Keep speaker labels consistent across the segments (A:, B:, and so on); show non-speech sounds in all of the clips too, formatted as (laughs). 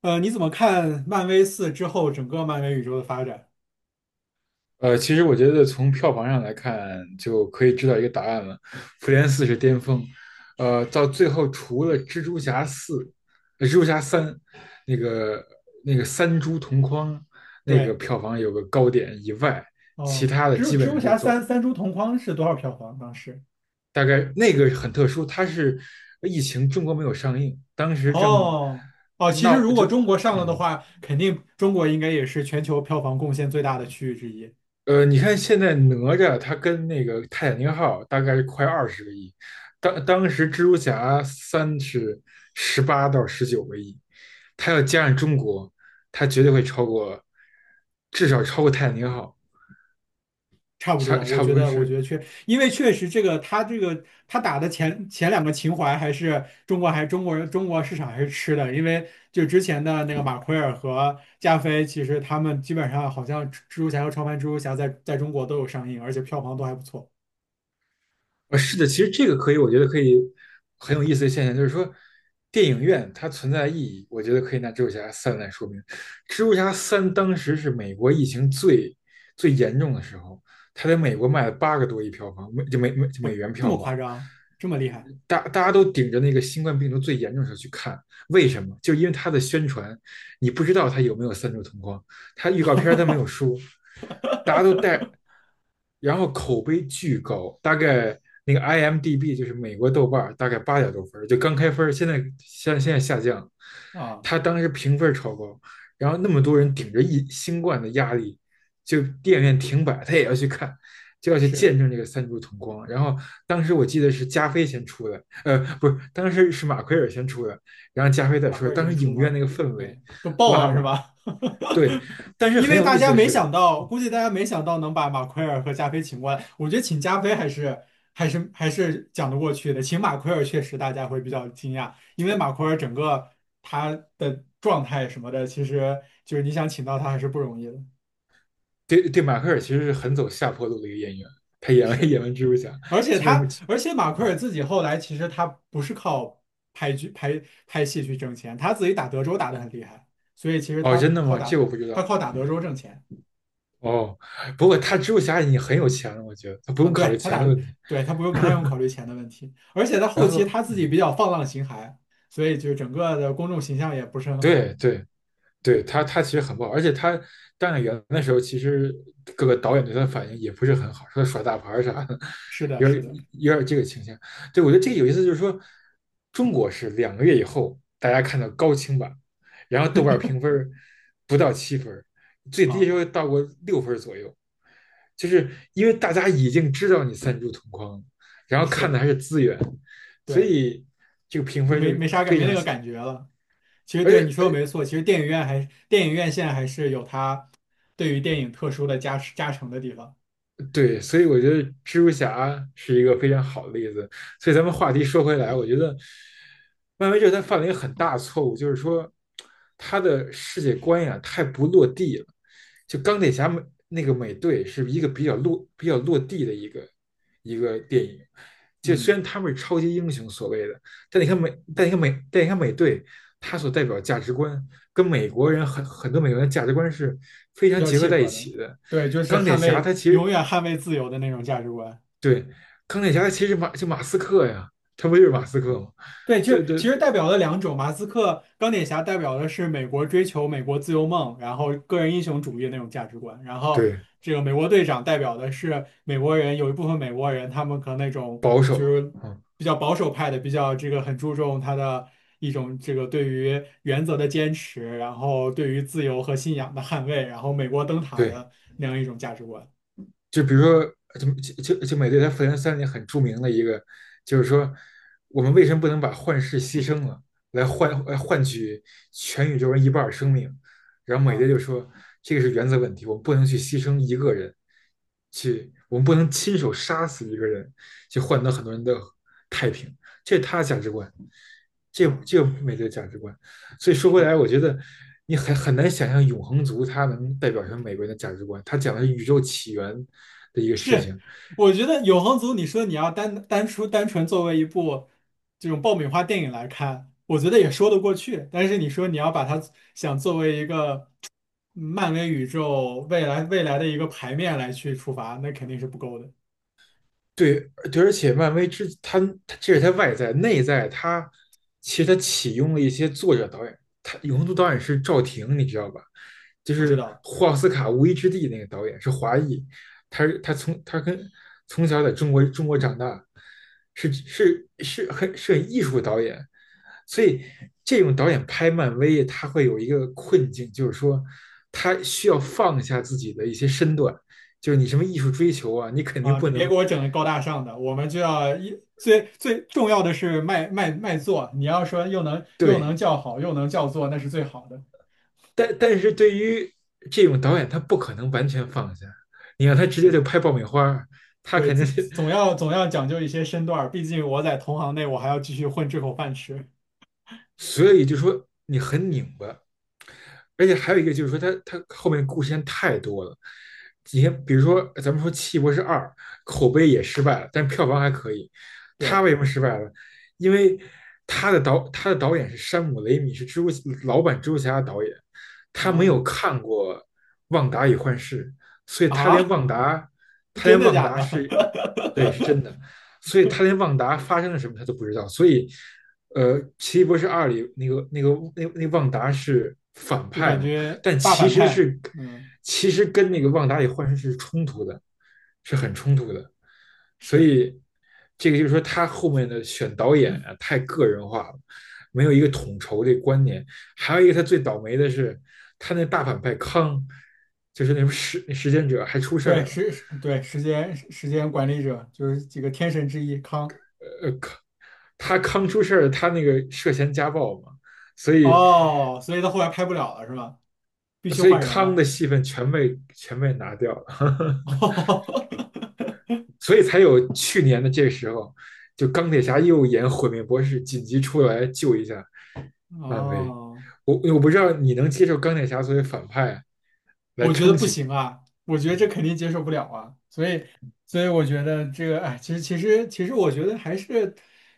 A: 你怎么看漫威四之后整个漫威宇宙的发展？
B: 其实我觉得从票房上来看，就可以知道一个答案了，《复联四》是巅峰。到最后除了蜘蛛侠四、蜘蛛侠三，那个那个三蛛同框那个
A: 对。
B: 票房有个高点以外，其
A: 哦，
B: 他的
A: 蜘蜘
B: 基本
A: 蛛
B: 上都
A: 侠
B: 走。
A: 三，三株同框是多少票房当时？
B: 大概那个很特殊，它是疫情中国没有上映，当时正
A: 哦哦，其实
B: 闹
A: 如果中国上了的
B: 嗯
A: 话，肯定中国应该也是全球票房贡献最大的区域之一。
B: 你看现在哪吒他跟那个泰坦尼克号大概快20个亿。当时蜘蛛侠三是18到19个亿，他要加上中国，他绝对会超过，至少超过泰坦尼克号。
A: 差不
B: 差
A: 多，我
B: 差不
A: 觉
B: 多
A: 得。我
B: 是
A: 觉得确，因为确实这个他打的前两个情怀还是中国人中国市场还是吃的，因为就之前的那个马奎尔和加菲，其实他们基本上好像蜘蛛侠和超凡蜘蛛侠在中国都有上映，而且票房都还不错。
B: 啊，是的。其实这个可以，我觉得可以很有意思的现象。就是说，电影院它存在的意义，我觉得可以拿《蜘蛛侠三》来说明。《蜘蛛侠三》当时是美国疫情最严重的时候，它在美国卖了8个多亿票房，美就美美就美
A: 我
B: 元
A: 这
B: 票
A: 么
B: 房。
A: 夸张，这么厉害。
B: 大家都顶着那个新冠病毒最严重的时候去看。为什么？就因为它的宣传，你不知道它有没有三周同框，它预告片它没有说。大家都带，
A: (laughs)
B: 然后口碑巨高，大概那个 IMDB 就是美国豆瓣大概8点多分就刚开分，现在现在下降。
A: 啊？
B: 它当时评分超高，然后那么多人顶着一新冠的压力，就电影院停摆，他也要去看，就要去
A: 是。
B: 见证这个三柱同光。然后当时我记得是加菲先出的，不是，当时是马奎尔先出的，然后加菲再
A: 马
B: 出
A: 奎
B: 的。
A: 尔
B: 当
A: 先
B: 时
A: 出
B: 影院
A: 吗
B: 那个氛
A: ？OK,
B: 围
A: 都爆
B: 拉
A: 了是
B: 满。
A: 吧？
B: 对。但
A: (laughs)
B: 是
A: 因
B: 很
A: 为
B: 有
A: 大
B: 意思
A: 家
B: 的
A: 没
B: 是，
A: 想到，估计大家没想到能把马奎尔和加菲请过来。我觉得请加菲还是讲得过去的，请马奎尔确实大家会比较惊讶，因为马奎尔整个他的状态什么的，其实就是你想请到他还是不容易的。
B: 对对，马奎尔其实是很走下坡路的一个演员。他演完
A: 是。
B: 演完蜘蛛侠，
A: 而且
B: 基本
A: 他，
B: 上
A: 而且马奎尔自己后来其实他不是靠拍剧拍拍戏去挣钱，他自己打德州打得很厉害，所以其实
B: 哦，
A: 他
B: 真的
A: 靠
B: 吗？这
A: 打
B: 个我不知
A: 他
B: 道
A: 靠打德州挣钱。
B: 哦。不过他蜘蛛侠已经很有钱了，我觉得他不
A: 啊，
B: 用考
A: 对
B: 虑
A: 他
B: 钱
A: 打
B: 的问题。
A: 对他不太用考
B: (laughs)
A: 虑钱的问题，而且他
B: 然
A: 后期
B: 后
A: 他自己比较放浪形骸，所以就整个的公众形象也不是很好。
B: 对对，对他其实很不好。而且他当演员的时候，其实各个导演对他的反应也不是很好，说他耍大牌儿啥的，
A: 是的，
B: 有
A: 是的，
B: 有点这个倾向。对，我觉得这个有意思。就是说，中国是2个月以后大家看到高清版，然后豆瓣评分不到7分，最低
A: 啊，
B: 时候到过6分左右，就是因为大家已经知道你三株同框了，然后看的
A: 是，
B: 还是资源，所
A: 对，
B: 以这个评
A: 就
B: 分就
A: 没没啥感
B: 非
A: 没那
B: 常
A: 个
B: 细。
A: 感觉了。其实
B: 而
A: 对你
B: 且
A: 说的没错。其实电影院现在还是有它对于电影特殊的加持加成的地方。
B: 对，所以我觉得蜘蛛侠是一个非常好的例子。所以咱们话题说回来，我觉得漫威这他犯了一个很大的错误，就是说他的世界观呀太不落地了。就钢铁侠那个美队是一个比较落地的一个电影。就虽
A: 嗯，
B: 然他们是超级英雄所谓的，但你看美队，他所代表价值观跟美国人很多美国人的价值观是非
A: 比
B: 常
A: 较
B: 结合
A: 契
B: 在一
A: 合的。
B: 起的。
A: 对，就是
B: 钢铁
A: 捍
B: 侠
A: 卫
B: 他其
A: 永
B: 实
A: 远捍卫自由的那种价值观。
B: 对。钢铁侠其实马斯克呀，他不就是马斯克吗？
A: 对，就
B: 对
A: 是其
B: 对
A: 实代表了两种，马斯克、钢铁侠代表的是美国追求美国自由梦，然后个人英雄主义那种价值观，然后
B: 对，
A: 这个美国队长代表的是美国人，有一部分美国人他们可能那种
B: 保
A: 就
B: 守，
A: 是
B: 嗯，
A: 比较保守派的，比较这个很注重他的一种这个对于原则的坚持，然后对于自由和信仰的捍卫，然后美国灯塔
B: 对。
A: 的那样一种价值观
B: 就比如说，就就就美队他复联三里很著名的一个，就是说，我们为什么不能把幻视牺牲了，来换取全宇宙人一半儿生命？然后美队就
A: 啊
B: 说，这个是原则问题，我们不能去牺牲一个人，去我们不能亲手杀死一个人，去换得很多人的太平，这是他的价值观，这
A: 啊。
B: 这个美队的价值观。所以说回
A: 是
B: 来，我觉得你很难想象永恒族它能代表成美国人的价值观。他讲的是宇宙起源的一个事
A: 是，
B: 情。
A: 我觉得《永恒族》，你说你要单纯作为一部这种爆米花电影来看，我觉得也说得过去。但是你说你要把它想作为一个漫威宇宙未来的一个牌面来去出发，那肯定是不够的。
B: 对，对，而且漫威之他这是他外在，内在他其实他启用了一些作者导演。他永恒族导演是赵婷，你知道吧？就
A: 不知
B: 是
A: 道
B: 霍奥斯卡《无依之地》那个导演是华裔。他是他从他跟从小在中国长大，是是是很是很艺术导演。所以这种导演拍漫威，他会有一个困境，就是说他需要放下自己的一些身段，就是你什么艺术追求啊，你肯定
A: 啊，
B: 不
A: 你别
B: 能
A: 给我整的高大上的，我们就要最重要的是卖座。你要说又能又
B: 对，
A: 能叫好又能叫座，那是最好的。
B: 但是对于这种导演，他不可能完全放下。你让他直接
A: 是，
B: 就拍爆米花，他
A: 对，
B: 肯定
A: 这
B: 是。
A: 总要总要讲究一些身段儿，毕竟我在同行内，我还要继续混这口饭吃。
B: 所以就说你很拧巴。而且还有一个就是说它后面故事线太多了。你看，比如说咱们说《奇异博士二》，口碑也失败了，但票房还可以。他
A: 对，
B: 为什么失败了？因为他的导演是山姆雷米，是蛛老版蜘蛛侠的导演，他没有
A: 啊
B: 看过《旺达与幻视》，所以他连
A: 啊。
B: 旺达，
A: (laughs)
B: 他
A: 真
B: 连
A: 的
B: 旺
A: 假
B: 达
A: 的？
B: 是，对，是真的，所以他连旺达发生了什么他都不知道。所以《奇异博士二》里那旺达是反
A: (laughs) 就
B: 派
A: 感
B: 嘛，
A: 觉
B: 但
A: 大反派。嗯
B: 其实跟那个旺达里幻视是冲突的，是很
A: 嗯，
B: 冲突的。所
A: 是，
B: 以这个就是说，他后面的选导演啊，太个人化了，没有一个统筹的观念。还有一个，他最倒霉的是，他那大反派康，就是那什么时间者还出事
A: 对，
B: 儿了。
A: 对，时间管理者就是几个天神之一康。
B: 康康出事儿，他那个涉嫌家暴嘛，所以
A: 哦，所以他后来拍不了了是吧？必须
B: 所以
A: 换人
B: 康
A: 了。
B: 的戏份全被拿掉了 (laughs)，
A: (laughs)
B: 所以才有去年的这个时候，就钢铁侠又演毁灭博士，紧急出来救一下漫威。
A: 哦。
B: 我不知道你能接受钢铁侠作为反派来
A: 我觉得
B: 撑
A: 不
B: 起。
A: 行啊，我觉得这肯定接受不了啊，所以，我觉得这个，哎，其实其实其实，我觉得还是，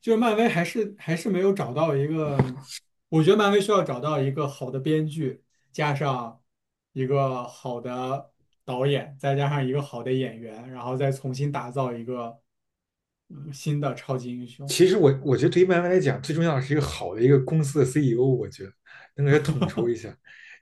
A: 就是漫威还是没有找到一个，我觉得漫威需要找到一个好的编剧，加上一个好的导演，再加上一个好的演员，然后再重新打造一个，新的超级英雄。
B: 其实我觉得对于漫威来讲，最重要的是一个好的一个公司的 CEO,我觉得能给他统筹一下。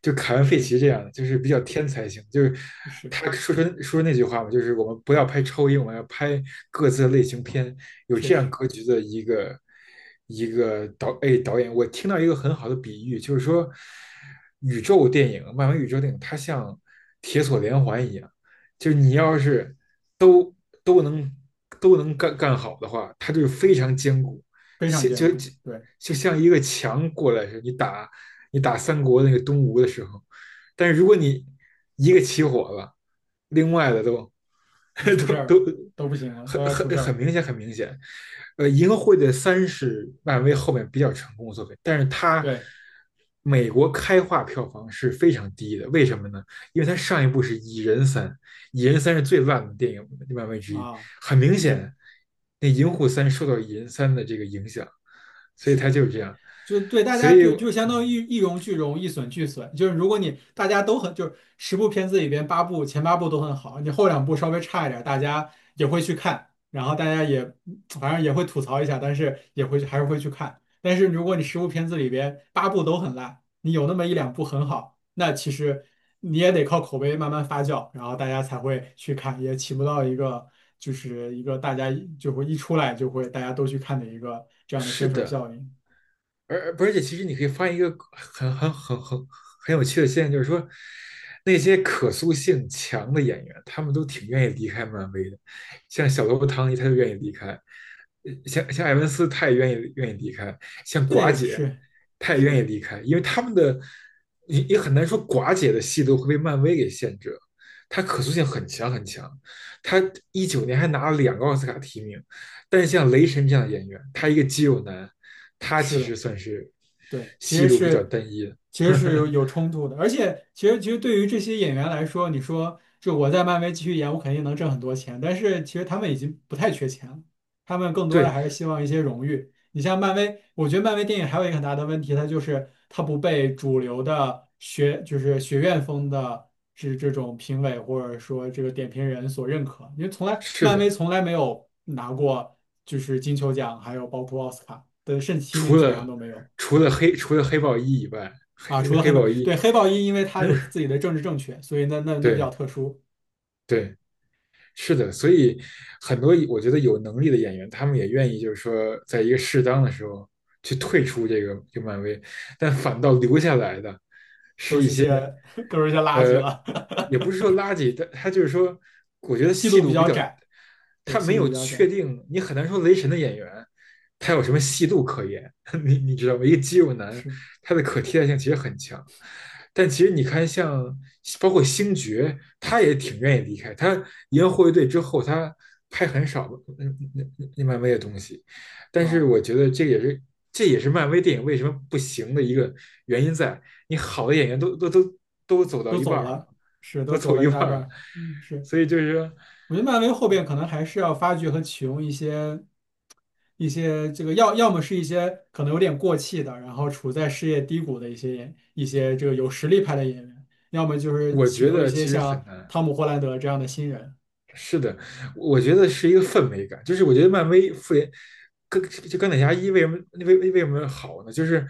B: 就凯文·费
A: 是
B: 奇这样的，就是比较天才型，就是
A: 是，
B: 他说出那句话嘛，就是我们不要拍超英，我们要拍各自的类型片，有
A: 确
B: 这
A: 实
B: 样格局的一个导演。我听到一个很好的比喻，就是说宇宙电影、漫威宇宙电影，它像铁索连环一样，就是你要是都都能都能干好的话，它就是非常坚固，
A: 非常
B: 像
A: 艰
B: 就
A: 苦。
B: 就
A: 对，
B: 就像一个墙过来似的。你你打三国那个东吴的时候，但是如果你一个起火了，另外的都
A: 就出
B: (laughs)
A: 事儿了，
B: 都
A: 都不行了，都要出事儿，
B: 很明显，很明显。银河护卫队三是漫威后面比较成功的作品，但是它
A: 对
B: 美国开画票房是非常低的，为什么呢？因为它上一部是蚁人三，蚁人三》是最烂的电影漫威之一，
A: 啊。
B: 很明
A: 是。
B: 显。那《银护三》受到《蚁人三》的这个影响，所以
A: 是
B: 它
A: 的，
B: 就是这样。
A: 就是对大
B: 所
A: 家
B: 以，
A: 对，就相
B: 嗯，
A: 当于一荣俱荣，一损俱损。就是如果你大家都很，就是十部片子里边前八部都很好，你后两部稍微差一点大家也会去看，然后大家也反正也会吐槽一下，但是还是会去看。但是如果你十部片子里边八部都很烂，你有那么一两部很好，那其实你也得靠口碑慢慢发酵，然后大家才会去看，也起不到一个就是一个大家就会一出来就会大家都去看的一个这样的宣
B: 是
A: 传
B: 的。
A: 效应。
B: 而且，其实你可以发现一个很有趣的现象，就是说，那些可塑性强的演员，他们都挺愿意离开漫威的。像小头唐尼，他就愿意离开；像艾文斯，他也愿意离开；像寡
A: 对，
B: 姐，
A: 是
B: 他也
A: 是
B: 愿
A: 的，
B: 意离开，因为他们的也很难说寡姐的戏都会被漫威给限制了。她可塑性很强很强，他19年还拿了两个奥斯卡提名，但是像雷神这样的演员，他一个肌肉男，他
A: 是
B: 其实
A: 的，
B: 算是
A: 对，其
B: 戏
A: 实
B: 路比较
A: 是
B: 单一的。
A: 其实是有
B: (laughs)
A: 冲突的，而且其实对于这些演员来说，你说就我在漫威继续演，我肯定能挣很多钱，但是其实他们已经不太缺钱了，他们更多的
B: 对，
A: 还是希望一些荣誉。你像漫威，我觉得漫威电影还有一个很大的问题，它就是它不被主流的就是学院风的是这种评委或者说这个点评人所认可，因为
B: 是
A: 漫威
B: 的。
A: 从来没有拿过就是金球奖，还有包括奥斯卡的甚至提名
B: 除
A: 基本上
B: 了
A: 都没有。
B: 除了黑豹一以外，
A: 啊，除了黑
B: 黑
A: 豹，
B: 豹一，
A: 对，黑豹一，因为它有自己的政治正确，所以那比较
B: 对
A: 特殊，
B: 对，是的。所以很多我觉得有能力的演员，他们也愿意就是说，在一个适当的时候去退出这个漫威。但反倒留下来的
A: 都是些 (laughs) 都是些垃圾
B: 呃，
A: 了。
B: 也不是说垃圾，但他就是说，我觉
A: (laughs)
B: 得
A: 戏
B: 戏
A: 路比
B: 路比
A: 较
B: 较，
A: 窄，对，
B: 他
A: 戏
B: 没
A: 路
B: 有
A: 比较
B: 确
A: 窄，
B: 定。你很难说雷神的演员他有什么戏路可言，(laughs) 你知道吗？一个肌肉男，
A: 是
B: 他的可替代性其实很强。但其实你看像包括星爵，他也挺愿意离开，他赢了护卫队之后，他拍很少嗯那那漫威的东西。但是
A: 啊，
B: 我觉得这也是漫威电影为什么不行的一个原因在，你好的演员都走到
A: 都
B: 一半
A: 走
B: 了，
A: 了，是都
B: 都
A: 走
B: 走
A: 了
B: 一
A: 一大
B: 半
A: 半
B: 了，
A: 儿，嗯，是，
B: 所以就是说
A: 我觉得漫威后边可能还是要发掘和启用一些这个要么是一些可能有点过气的，然后处在事业低谷的一些这个有实力派的演员，要么就是
B: 我
A: 启
B: 觉
A: 用一
B: 得
A: 些
B: 其实很
A: 像
B: 难。
A: 汤姆·霍兰德这样的新人。
B: 是的，我觉得是一个氛围感。就是我觉得漫威复联跟就钢铁侠一为什么为什么好呢？就是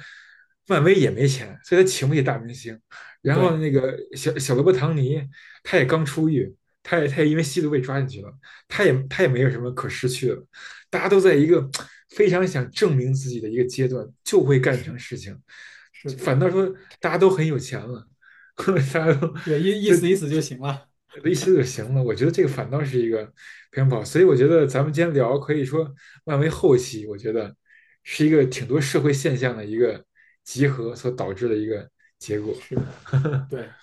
B: 漫威也没钱，所以他请不起大明星。然后
A: 对，
B: 那个小罗伯·唐尼，他也刚出狱，他也因为吸毒被抓进去了，他也没有什么可失去了，大家都在一个非常想证明自己的一个阶段，就会干
A: 是
B: 成事情。
A: 是的。
B: 反倒说大家都很有钱了，(laughs) 大家都
A: 对，意意
B: 就
A: 思意思就行了。
B: 一起就行了。我觉得这个反倒是一个偏跑，所以我觉得咱们今天聊可以说漫威后期，我觉得是一个挺多社会现象的一个集合所导致的一个结果。
A: 是，对，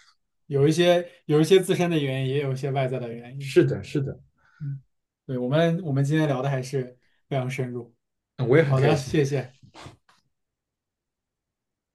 A: 有一些自身的原因，也有一些外在的原因。
B: 是的，是的，
A: 嗯，对，我们今天聊的还是非常深入。
B: 嗯我也很
A: 好
B: 开
A: 的，
B: 心。
A: 谢谢。